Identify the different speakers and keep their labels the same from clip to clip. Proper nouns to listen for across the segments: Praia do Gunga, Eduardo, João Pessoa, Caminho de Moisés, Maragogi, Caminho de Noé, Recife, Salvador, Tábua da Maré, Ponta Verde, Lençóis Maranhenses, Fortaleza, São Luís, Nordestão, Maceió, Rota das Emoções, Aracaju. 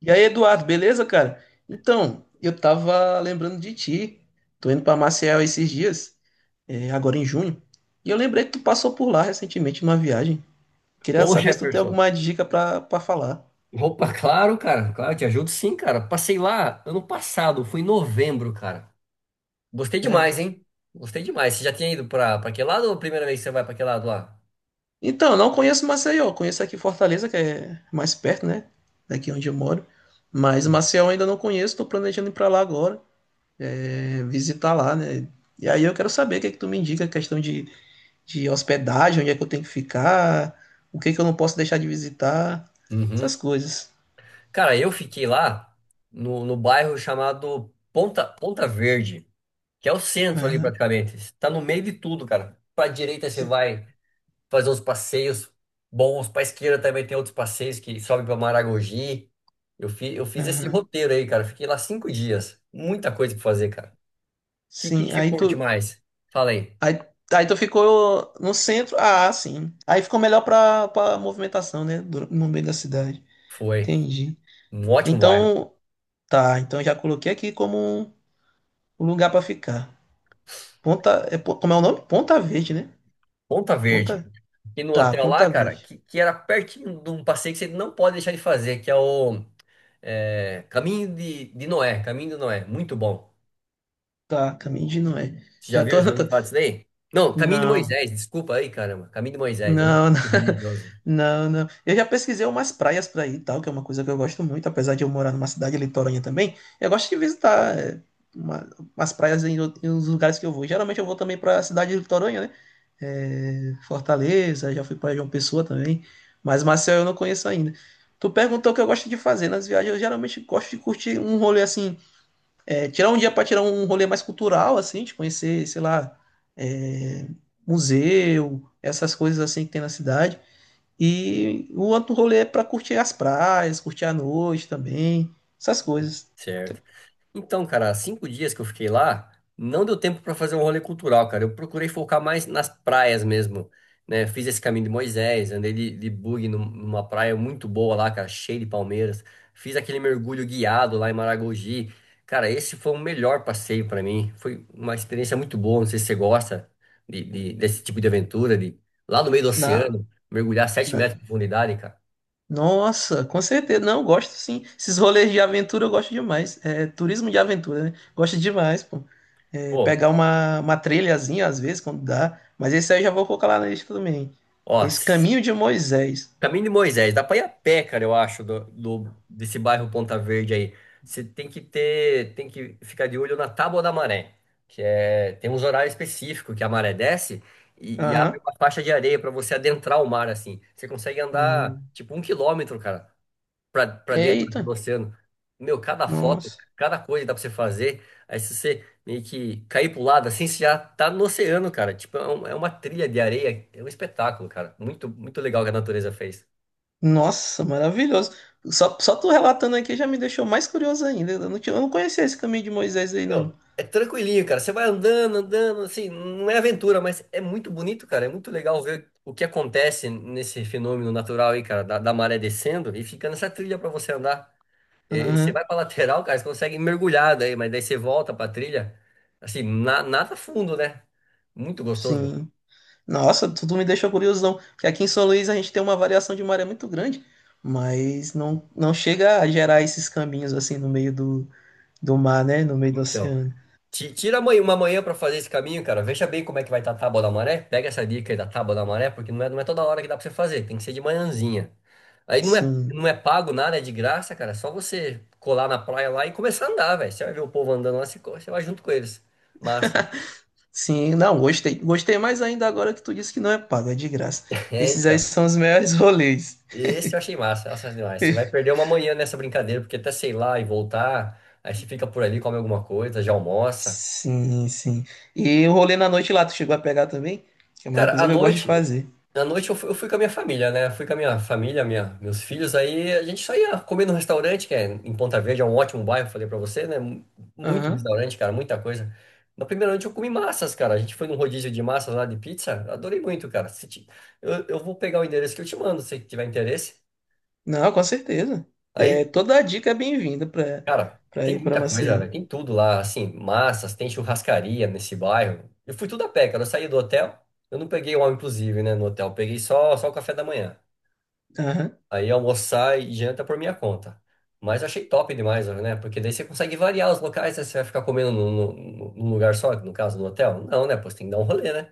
Speaker 1: E aí, Eduardo, beleza, cara? Então, eu tava lembrando de ti. Tô indo pra Maceió esses dias, é, agora em junho. E eu lembrei que tu passou por lá recentemente numa viagem. Queria
Speaker 2: Ô
Speaker 1: saber se tu tem
Speaker 2: Jefferson,
Speaker 1: alguma dica pra falar.
Speaker 2: opa, claro, cara, claro, te ajudo sim, cara. Passei lá ano passado, fui em novembro, cara. Gostei
Speaker 1: É.
Speaker 2: demais, hein? Gostei demais. Você já tinha ido pra aquele lado ou a primeira vez que você vai pra aquele lado lá?
Speaker 1: Então, não conheço Maceió, conheço aqui Fortaleza, que é mais perto, né? Daqui onde eu moro. Mas Maceió ainda não conheço, tô planejando ir pra lá agora, é, visitar lá, né? E aí eu quero saber o que é que tu me indica, questão de hospedagem, onde é que eu tenho que ficar, o que é que eu não posso deixar de visitar,
Speaker 2: Uhum.
Speaker 1: essas coisas.
Speaker 2: Cara, eu fiquei lá no bairro chamado Ponta Verde, que é o centro ali
Speaker 1: Aham.
Speaker 2: praticamente. Tá no meio de tudo, cara. Pra direita você
Speaker 1: Sim,
Speaker 2: vai fazer uns passeios bons. Pra esquerda também tem outros passeios que sobem pra Maragogi. Eu fiz esse
Speaker 1: aham.
Speaker 2: roteiro aí, cara. Fiquei lá 5 dias. Muita coisa pra fazer, cara. O que, que,
Speaker 1: Sim,
Speaker 2: que você curte mais? Fala aí.
Speaker 1: aí, aí tu ficou no centro, ah, sim. Aí ficou melhor pra movimentação, né, no meio da cidade.
Speaker 2: Foi.
Speaker 1: Entendi.
Speaker 2: Um ótimo bairro.
Speaker 1: Então, tá, então já coloquei aqui como um um lugar pra ficar. Ponta, é, como é o nome? Ponta Verde, né?
Speaker 2: Ponta Verde.
Speaker 1: Ponta,
Speaker 2: E no
Speaker 1: tá,
Speaker 2: hotel lá,
Speaker 1: Ponta
Speaker 2: cara,
Speaker 1: Verde.
Speaker 2: que era pertinho de um passeio que você não pode deixar de fazer, que é o é, Caminho de Noé. Caminho de Noé. Muito bom.
Speaker 1: Tá, Caminho de Noé.
Speaker 2: Você já
Speaker 1: Já tô,
Speaker 2: viu? Já ouviu falar disso daí? Não, Caminho de
Speaker 1: não,
Speaker 2: Moisés. Desculpa aí, caramba. Caminho de Moisés. Eu não sou
Speaker 1: não,
Speaker 2: muito religioso.
Speaker 1: Não, não. Eu já pesquisei umas praias para ir e tal, que é uma coisa que eu gosto muito, apesar de eu morar numa cidade litorânea também. Eu gosto de visitar é, uma- umas praias em, em uns lugares que eu vou. Geralmente eu vou também para cidade litorânea, né? É, Fortaleza, já fui para João Pessoa também, mas Maceió eu não conheço ainda. Tu perguntou o que eu gosto de fazer nas viagens. Eu geralmente gosto de curtir um rolê assim, é, tirar um dia para tirar um rolê mais cultural, assim, de conhecer, sei lá, é, museu, essas coisas assim que tem na cidade. E o outro rolê é para curtir as praias, curtir a noite também, essas coisas.
Speaker 2: Certo. Então, cara, 5 dias que eu fiquei lá, não deu tempo para fazer um rolê cultural, cara. Eu procurei focar mais nas praias mesmo, né? Fiz esse caminho de Moisés, andei de bug num- numa praia muito boa lá, cara, cheia de palmeiras. Fiz aquele mergulho guiado lá em Maragogi. Cara, esse foi o melhor passeio para mim. Foi uma experiência muito boa. Não sei se você gosta de- desse tipo de aventura, de lá no meio do
Speaker 1: Na,
Speaker 2: oceano, mergulhar sete
Speaker 1: na-
Speaker 2: metros de profundidade, cara.
Speaker 1: Nossa, com certeza. Não, gosto sim. Esses rolês de aventura eu gosto demais. É, turismo de aventura, né? Gosto demais, pô. É,
Speaker 2: Pô,
Speaker 1: pegar uma trilhazinha às vezes, quando dá. Mas esse aí eu já vou colocar lá na lista também.
Speaker 2: ó.
Speaker 1: Esse Caminho de Moisés.
Speaker 2: Caminho de Moisés, dá pra ir a pé, cara, eu acho, do, do- desse bairro Ponta Verde aí. Você tem que ter, tem que ficar de olho na Tábua da Maré, que é, tem uns horários específicos que a maré desce e abre
Speaker 1: Aham.
Speaker 2: uma faixa de areia pra você adentrar o mar, assim. Você consegue andar,
Speaker 1: Hum.
Speaker 2: tipo, um quilômetro, cara, pra dentro
Speaker 1: Eita,
Speaker 2: do oceano. Meu, cada foto,
Speaker 1: nossa.
Speaker 2: cada coisa dá pra você fazer. Aí se você meio que cair pro lado, assim, você já tá no oceano, cara. Tipo, é uma trilha de areia, é um espetáculo, cara. Muito, muito legal que a natureza fez.
Speaker 1: Nossa, maravilhoso. Só tu relatando aqui já me deixou mais curioso ainda. Eu não conhecia esse caminho de Moisés aí, não.
Speaker 2: Meu, é tranquilinho, cara. Você vai andando, andando, assim, não é aventura, mas é muito bonito, cara. É muito legal ver o que acontece nesse fenômeno natural aí, cara, da maré descendo e fica nessa trilha pra você andar. E você
Speaker 1: Aham,
Speaker 2: vai pra lateral, cara, você consegue mergulhar daí, mas daí você volta pra trilha, assim, nada fundo, né? Muito gostoso.
Speaker 1: sim. Nossa, tu me deixou curiosão. Porque aqui em São Luís a gente tem uma variação de maré muito grande, mas não chega a gerar esses caminhos assim no meio do mar, né? No meio do
Speaker 2: Então.
Speaker 1: oceano.
Speaker 2: Uma manhã pra fazer esse caminho, cara. Veja bem como é que vai estar a tábua da maré. Pega essa dica aí da tábua da maré, porque não é toda hora que dá pra você fazer. Tem que ser de manhãzinha. Aí não é,
Speaker 1: Sim,
Speaker 2: não é pago nada, é de graça, cara. É só você colar na praia lá e começar a andar, velho. Você vai ver o povo andando lá, você, você vai junto com eles. Massa.
Speaker 1: sim. Não, gostei. Gostei mais ainda agora que tu disse que não é pago, é de graça.
Speaker 2: É,
Speaker 1: Esses aí
Speaker 2: então.
Speaker 1: são os melhores rolês.
Speaker 2: Esse eu achei massa, massa demais. Você vai perder uma manhã nessa brincadeira, porque até sei lá e voltar, aí você fica por ali, come alguma coisa, já almoça.
Speaker 1: Sim, sim. E o rolê na noite lá, tu chegou a pegar também? Que é uma
Speaker 2: Cara,
Speaker 1: coisa que eu gosto de fazer.
Speaker 2: à noite eu fui com a minha família, né? Fui com a minha família, meus filhos, aí a gente só ia comer no restaurante, que é em Ponta Verde, é um ótimo bairro, falei pra você, né? Muito
Speaker 1: Aham.
Speaker 2: restaurante, cara, muita coisa. Na primeira noite eu comi massas, cara. A gente foi num rodízio de massas lá de pizza, adorei muito, cara. Se ti- Eu vou pegar o endereço que eu te mando, se tiver interesse.
Speaker 1: Não, com certeza. É,
Speaker 2: Aí,
Speaker 1: toda a dica é bem-vinda
Speaker 2: cara,
Speaker 1: pra
Speaker 2: tem
Speaker 1: ir pra
Speaker 2: muita coisa,
Speaker 1: Maceió.
Speaker 2: velho, tem tudo lá, assim, massas, tem churrascaria nesse bairro. Eu fui tudo a pé, cara, eu saí do hotel, eu não peguei o all inclusive, né, no hotel, eu peguei só o café da manhã.
Speaker 1: Aham.
Speaker 2: Aí almoçar e janta por minha conta. Mas eu achei top demais, né? Porque daí você consegue variar os locais, né? Você vai ficar comendo num, num lugar só, no caso, no hotel? Não, né? Pô, você tem que dar um rolê, né?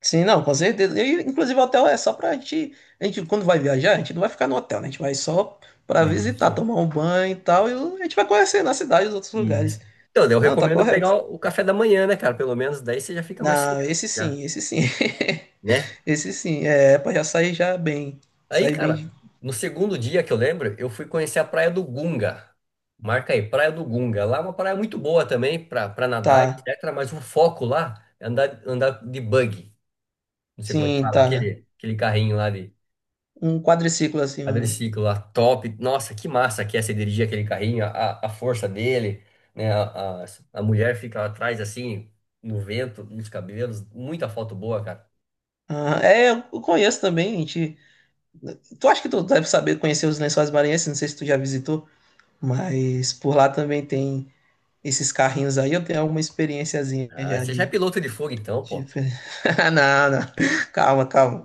Speaker 1: Sim, não, com certeza. E, inclusive, o hotel é só pra gente, a gente. Quando vai viajar, a gente não vai ficar no hotel, né? A gente vai só pra visitar,
Speaker 2: Isso,
Speaker 1: tomar um banho e tal. E a gente vai conhecer na cidade os outros
Speaker 2: isso.
Speaker 1: lugares.
Speaker 2: Então, daí eu
Speaker 1: Não, tá
Speaker 2: recomendo pegar
Speaker 1: correto.
Speaker 2: o café da manhã, né, cara? Pelo menos daí você já fica mais
Speaker 1: Não,
Speaker 2: sossegado,
Speaker 1: esse
Speaker 2: já,
Speaker 1: sim, esse sim.
Speaker 2: né?
Speaker 1: Esse sim. É, pra já sair já bem.
Speaker 2: Aí,
Speaker 1: Sair bem de.
Speaker 2: cara, no segundo dia que eu lembro, eu fui conhecer a Praia do Gunga. Marca aí, Praia do Gunga. Lá é uma praia muito boa também para nadar,
Speaker 1: Tá.
Speaker 2: etc. Mas o foco lá é andar, andar de buggy. Não sei como é que
Speaker 1: Sim,
Speaker 2: fala,
Speaker 1: tá.
Speaker 2: aquele carrinho lá de
Speaker 1: Um quadriciclo, assim. Um...
Speaker 2: quadriciclo lá, top. Nossa, que massa que é você dirigir aquele carrinho, a força dele, né? A mulher fica atrás assim, no vento, nos cabelos. Muita foto boa, cara.
Speaker 1: Ah, é, eu conheço também. Tu acha que tu deve saber conhecer os Lençóis Maranhenses? Não sei se tu já visitou, mas por lá também tem esses carrinhos aí. Eu tenho alguma experiênciazinha
Speaker 2: Ah,
Speaker 1: já
Speaker 2: você já é
Speaker 1: de.
Speaker 2: piloto de fogo então,
Speaker 1: De...
Speaker 2: pô.
Speaker 1: Não, não. Calma, calma.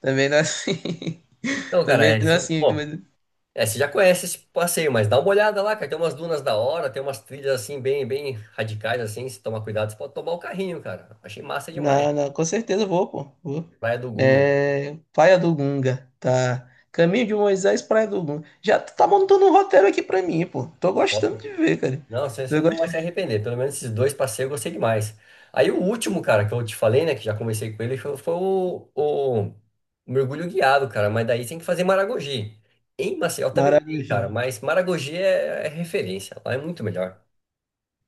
Speaker 1: Também não é assim.
Speaker 2: Então, cara,
Speaker 1: Também
Speaker 2: é
Speaker 1: não é
Speaker 2: isso.
Speaker 1: assim.
Speaker 2: Bom,
Speaker 1: Mas...
Speaker 2: é, você já conhece esse passeio, mas dá uma olhada lá, cara. Tem umas dunas da hora, tem umas trilhas assim, bem, bem radicais, assim. Se tomar cuidado, você pode tomar o carrinho, cara. Achei massa demais.
Speaker 1: Não, não. Com certeza eu vou, pô. Vou.
Speaker 2: Praia do Gunga.
Speaker 1: É, Praia do Gunga, tá? Caminho de Moisés, Praia do Gunga. Já tu tá montando um roteiro aqui pra mim, pô. Tô gostando
Speaker 2: Top.
Speaker 1: de ver, cara.
Speaker 2: Não, você
Speaker 1: Eu
Speaker 2: não
Speaker 1: gosto.
Speaker 2: vai se arrepender. Pelo menos esses dois passeios eu gostei demais. Aí o último, cara, que eu te falei, né? Que já conversei com ele, foi o mergulho guiado, cara. Mas daí tem que fazer Maragogi. Em Maceió também tem,
Speaker 1: Maragogi.
Speaker 2: cara. Mas Maragogi é, é referência. Lá é muito melhor.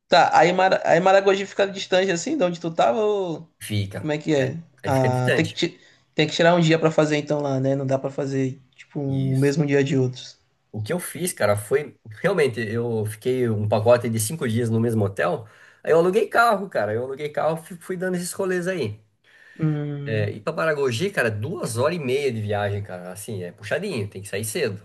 Speaker 1: Aí Maragogi fica distante assim, de onde tu tava, ou
Speaker 2: Fica.
Speaker 1: como é que
Speaker 2: Aí,
Speaker 1: é?
Speaker 2: aí fica
Speaker 1: Ah,
Speaker 2: distante.
Speaker 1: tem que tirar um dia pra fazer então lá, né? Não dá pra fazer, tipo, um
Speaker 2: Isso.
Speaker 1: mesmo dia de outros.
Speaker 2: O que eu fiz, cara, foi. Realmente, eu fiquei um pacote de 5 dias no mesmo hotel. Aí eu aluguei carro, cara. Eu aluguei carro e fui dando esses rolês aí. É,
Speaker 1: Hum,
Speaker 2: e pra Paragogi, cara, 2 horas e meia de viagem, cara. Assim, é puxadinho, tem que sair cedo.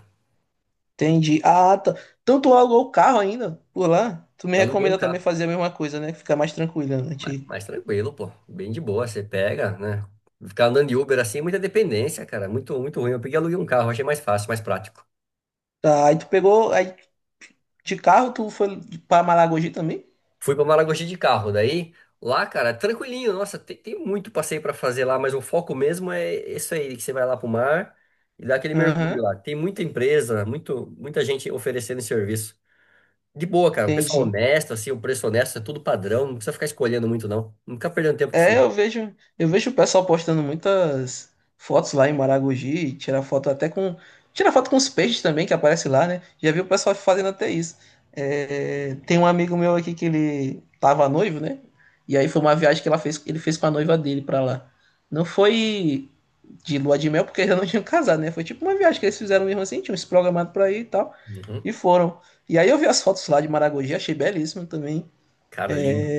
Speaker 1: entendi. Ah, tá. Então tu alugou o carro ainda por lá? Tu me
Speaker 2: Aluguei um
Speaker 1: recomenda também
Speaker 2: carro,
Speaker 1: fazer a mesma coisa, né? Ficar mais tranquilo, né?
Speaker 2: mas, mas tranquilo, pô. Bem de boa, você pega, né? Ficar andando de Uber assim é muita dependência, cara. Muito, muito ruim. Eu peguei e aluguei um carro, achei mais fácil, mais prático.
Speaker 1: Tá, aí tu pegou. Aí? De carro, tu foi para Malagogi também?
Speaker 2: Fui pra Maragogi de carro, daí lá, cara, tranquilinho. Nossa, tem muito passeio pra fazer lá, mas o foco mesmo é isso aí, que você vai lá pro mar e dá aquele mergulho
Speaker 1: Aham,
Speaker 2: lá. Tem muita empresa, muito, muita gente oferecendo serviço. De boa, cara. O pessoal
Speaker 1: entendi.
Speaker 2: honesto, assim, o preço honesto, é tudo padrão, não precisa ficar escolhendo muito, não. Não fica perdendo tempo com isso,
Speaker 1: É,
Speaker 2: não.
Speaker 1: eu vejo, eu vejo o pessoal postando muitas fotos lá em Maragogi, tirar foto com os peixes também que aparece lá, né? Já vi o pessoal fazendo até isso. É, tem um amigo meu aqui que ele tava noivo, né? E aí foi uma viagem ele fez com a noiva dele pra lá. Não foi de lua de mel porque ainda não tinham casado, né? Foi tipo uma viagem que eles fizeram mesmo assim, tinham se programado pra ir e tal,
Speaker 2: Uhum.
Speaker 1: e foram. E aí eu vi as fotos lá de Maragogi, achei belíssimo também.
Speaker 2: Cara, lindo.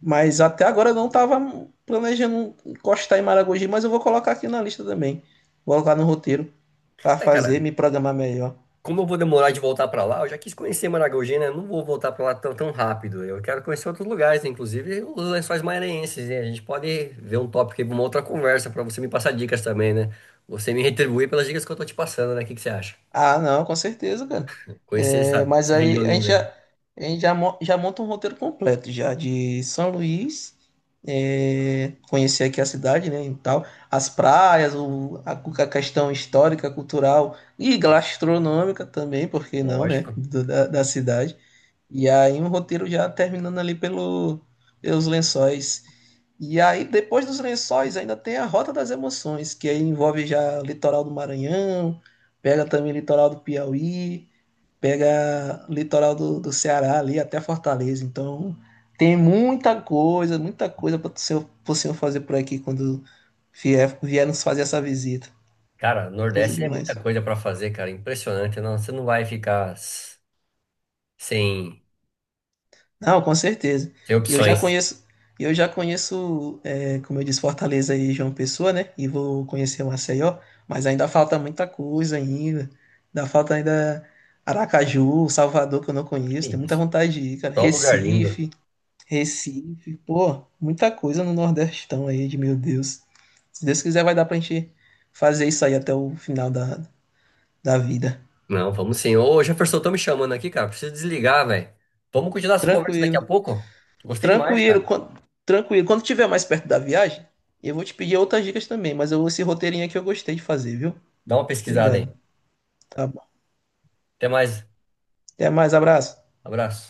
Speaker 1: Mas até agora eu não estava planejando encostar em Maragogi, mas eu vou colocar aqui na lista também. Vou colocar no roteiro para
Speaker 2: É, cara,
Speaker 1: fazer, me programar melhor.
Speaker 2: como eu vou demorar de voltar pra lá, eu já quis conhecer Maragogi, né? Eu não vou voltar pra lá tão, tão rápido. Eu quero conhecer outros lugares, né? Inclusive os Lençóis Maranhenses, né? A gente pode ver um tópico aí pra uma outra conversa, pra você me passar dicas também, né? Você me retribuir pelas dicas que eu tô te passando, né? O que que você acha?
Speaker 1: Ah, não, com certeza, cara.
Speaker 2: Conhecer
Speaker 1: É,
Speaker 2: essa,
Speaker 1: mas
Speaker 2: essa região
Speaker 1: aí
Speaker 2: linda aí.
Speaker 1: a gente já, já monta um roteiro completo já de São Luís, é, conhecer aqui a cidade, né, e tal, as praias, a questão histórica, cultural e gastronômica também, por que não, né,
Speaker 2: Lógico.
Speaker 1: da cidade. E aí um roteiro já terminando ali pelos lençóis. E aí, depois dos lençóis, ainda tem a Rota das Emoções, que aí envolve já o litoral do Maranhão, pega também o litoral do Piauí, pega o litoral do Ceará ali até Fortaleza. Então, tem muita coisa pro senhor fazer por aqui quando vier nos fazer essa visita.
Speaker 2: Cara,
Speaker 1: Coisa
Speaker 2: Nordeste é muita
Speaker 1: demais.
Speaker 2: coisa pra fazer, cara. Impressionante, não? Você não vai ficar. Sim,
Speaker 1: Não, com certeza.
Speaker 2: tem
Speaker 1: E eu já
Speaker 2: opções.
Speaker 1: conheço, e eu já conheço, é, como eu disse, Fortaleza e João Pessoa, né? E vou conhecer o Maceió, mas ainda falta muita coisa ainda. Ainda falta ainda Aracaju, Salvador, que eu não
Speaker 2: É
Speaker 1: conheço. Tem muita
Speaker 2: isso.
Speaker 1: vontade de ir, cara.
Speaker 2: Só lugar lindo.
Speaker 1: Recife, pô, muita coisa no Nordestão aí, de meu Deus. Se Deus quiser, vai dar pra gente fazer isso aí até o final da vida.
Speaker 2: Não, vamos sim. Ô, Jefferson, estão me chamando aqui, cara. Preciso desligar, velho. Vamos continuar essa conversa daqui a
Speaker 1: Tranquilo.
Speaker 2: pouco? Gostei demais,
Speaker 1: Tranquilo,
Speaker 2: cara.
Speaker 1: quan- Tranquilo. Quando tiver mais perto da viagem, eu vou te pedir outras dicas também, mas eu, esse roteirinho aqui eu gostei de fazer, viu?
Speaker 2: Dá uma pesquisada aí.
Speaker 1: Obrigado. Tá bom.
Speaker 2: Até mais.
Speaker 1: Até mais, abraço.
Speaker 2: Abraço.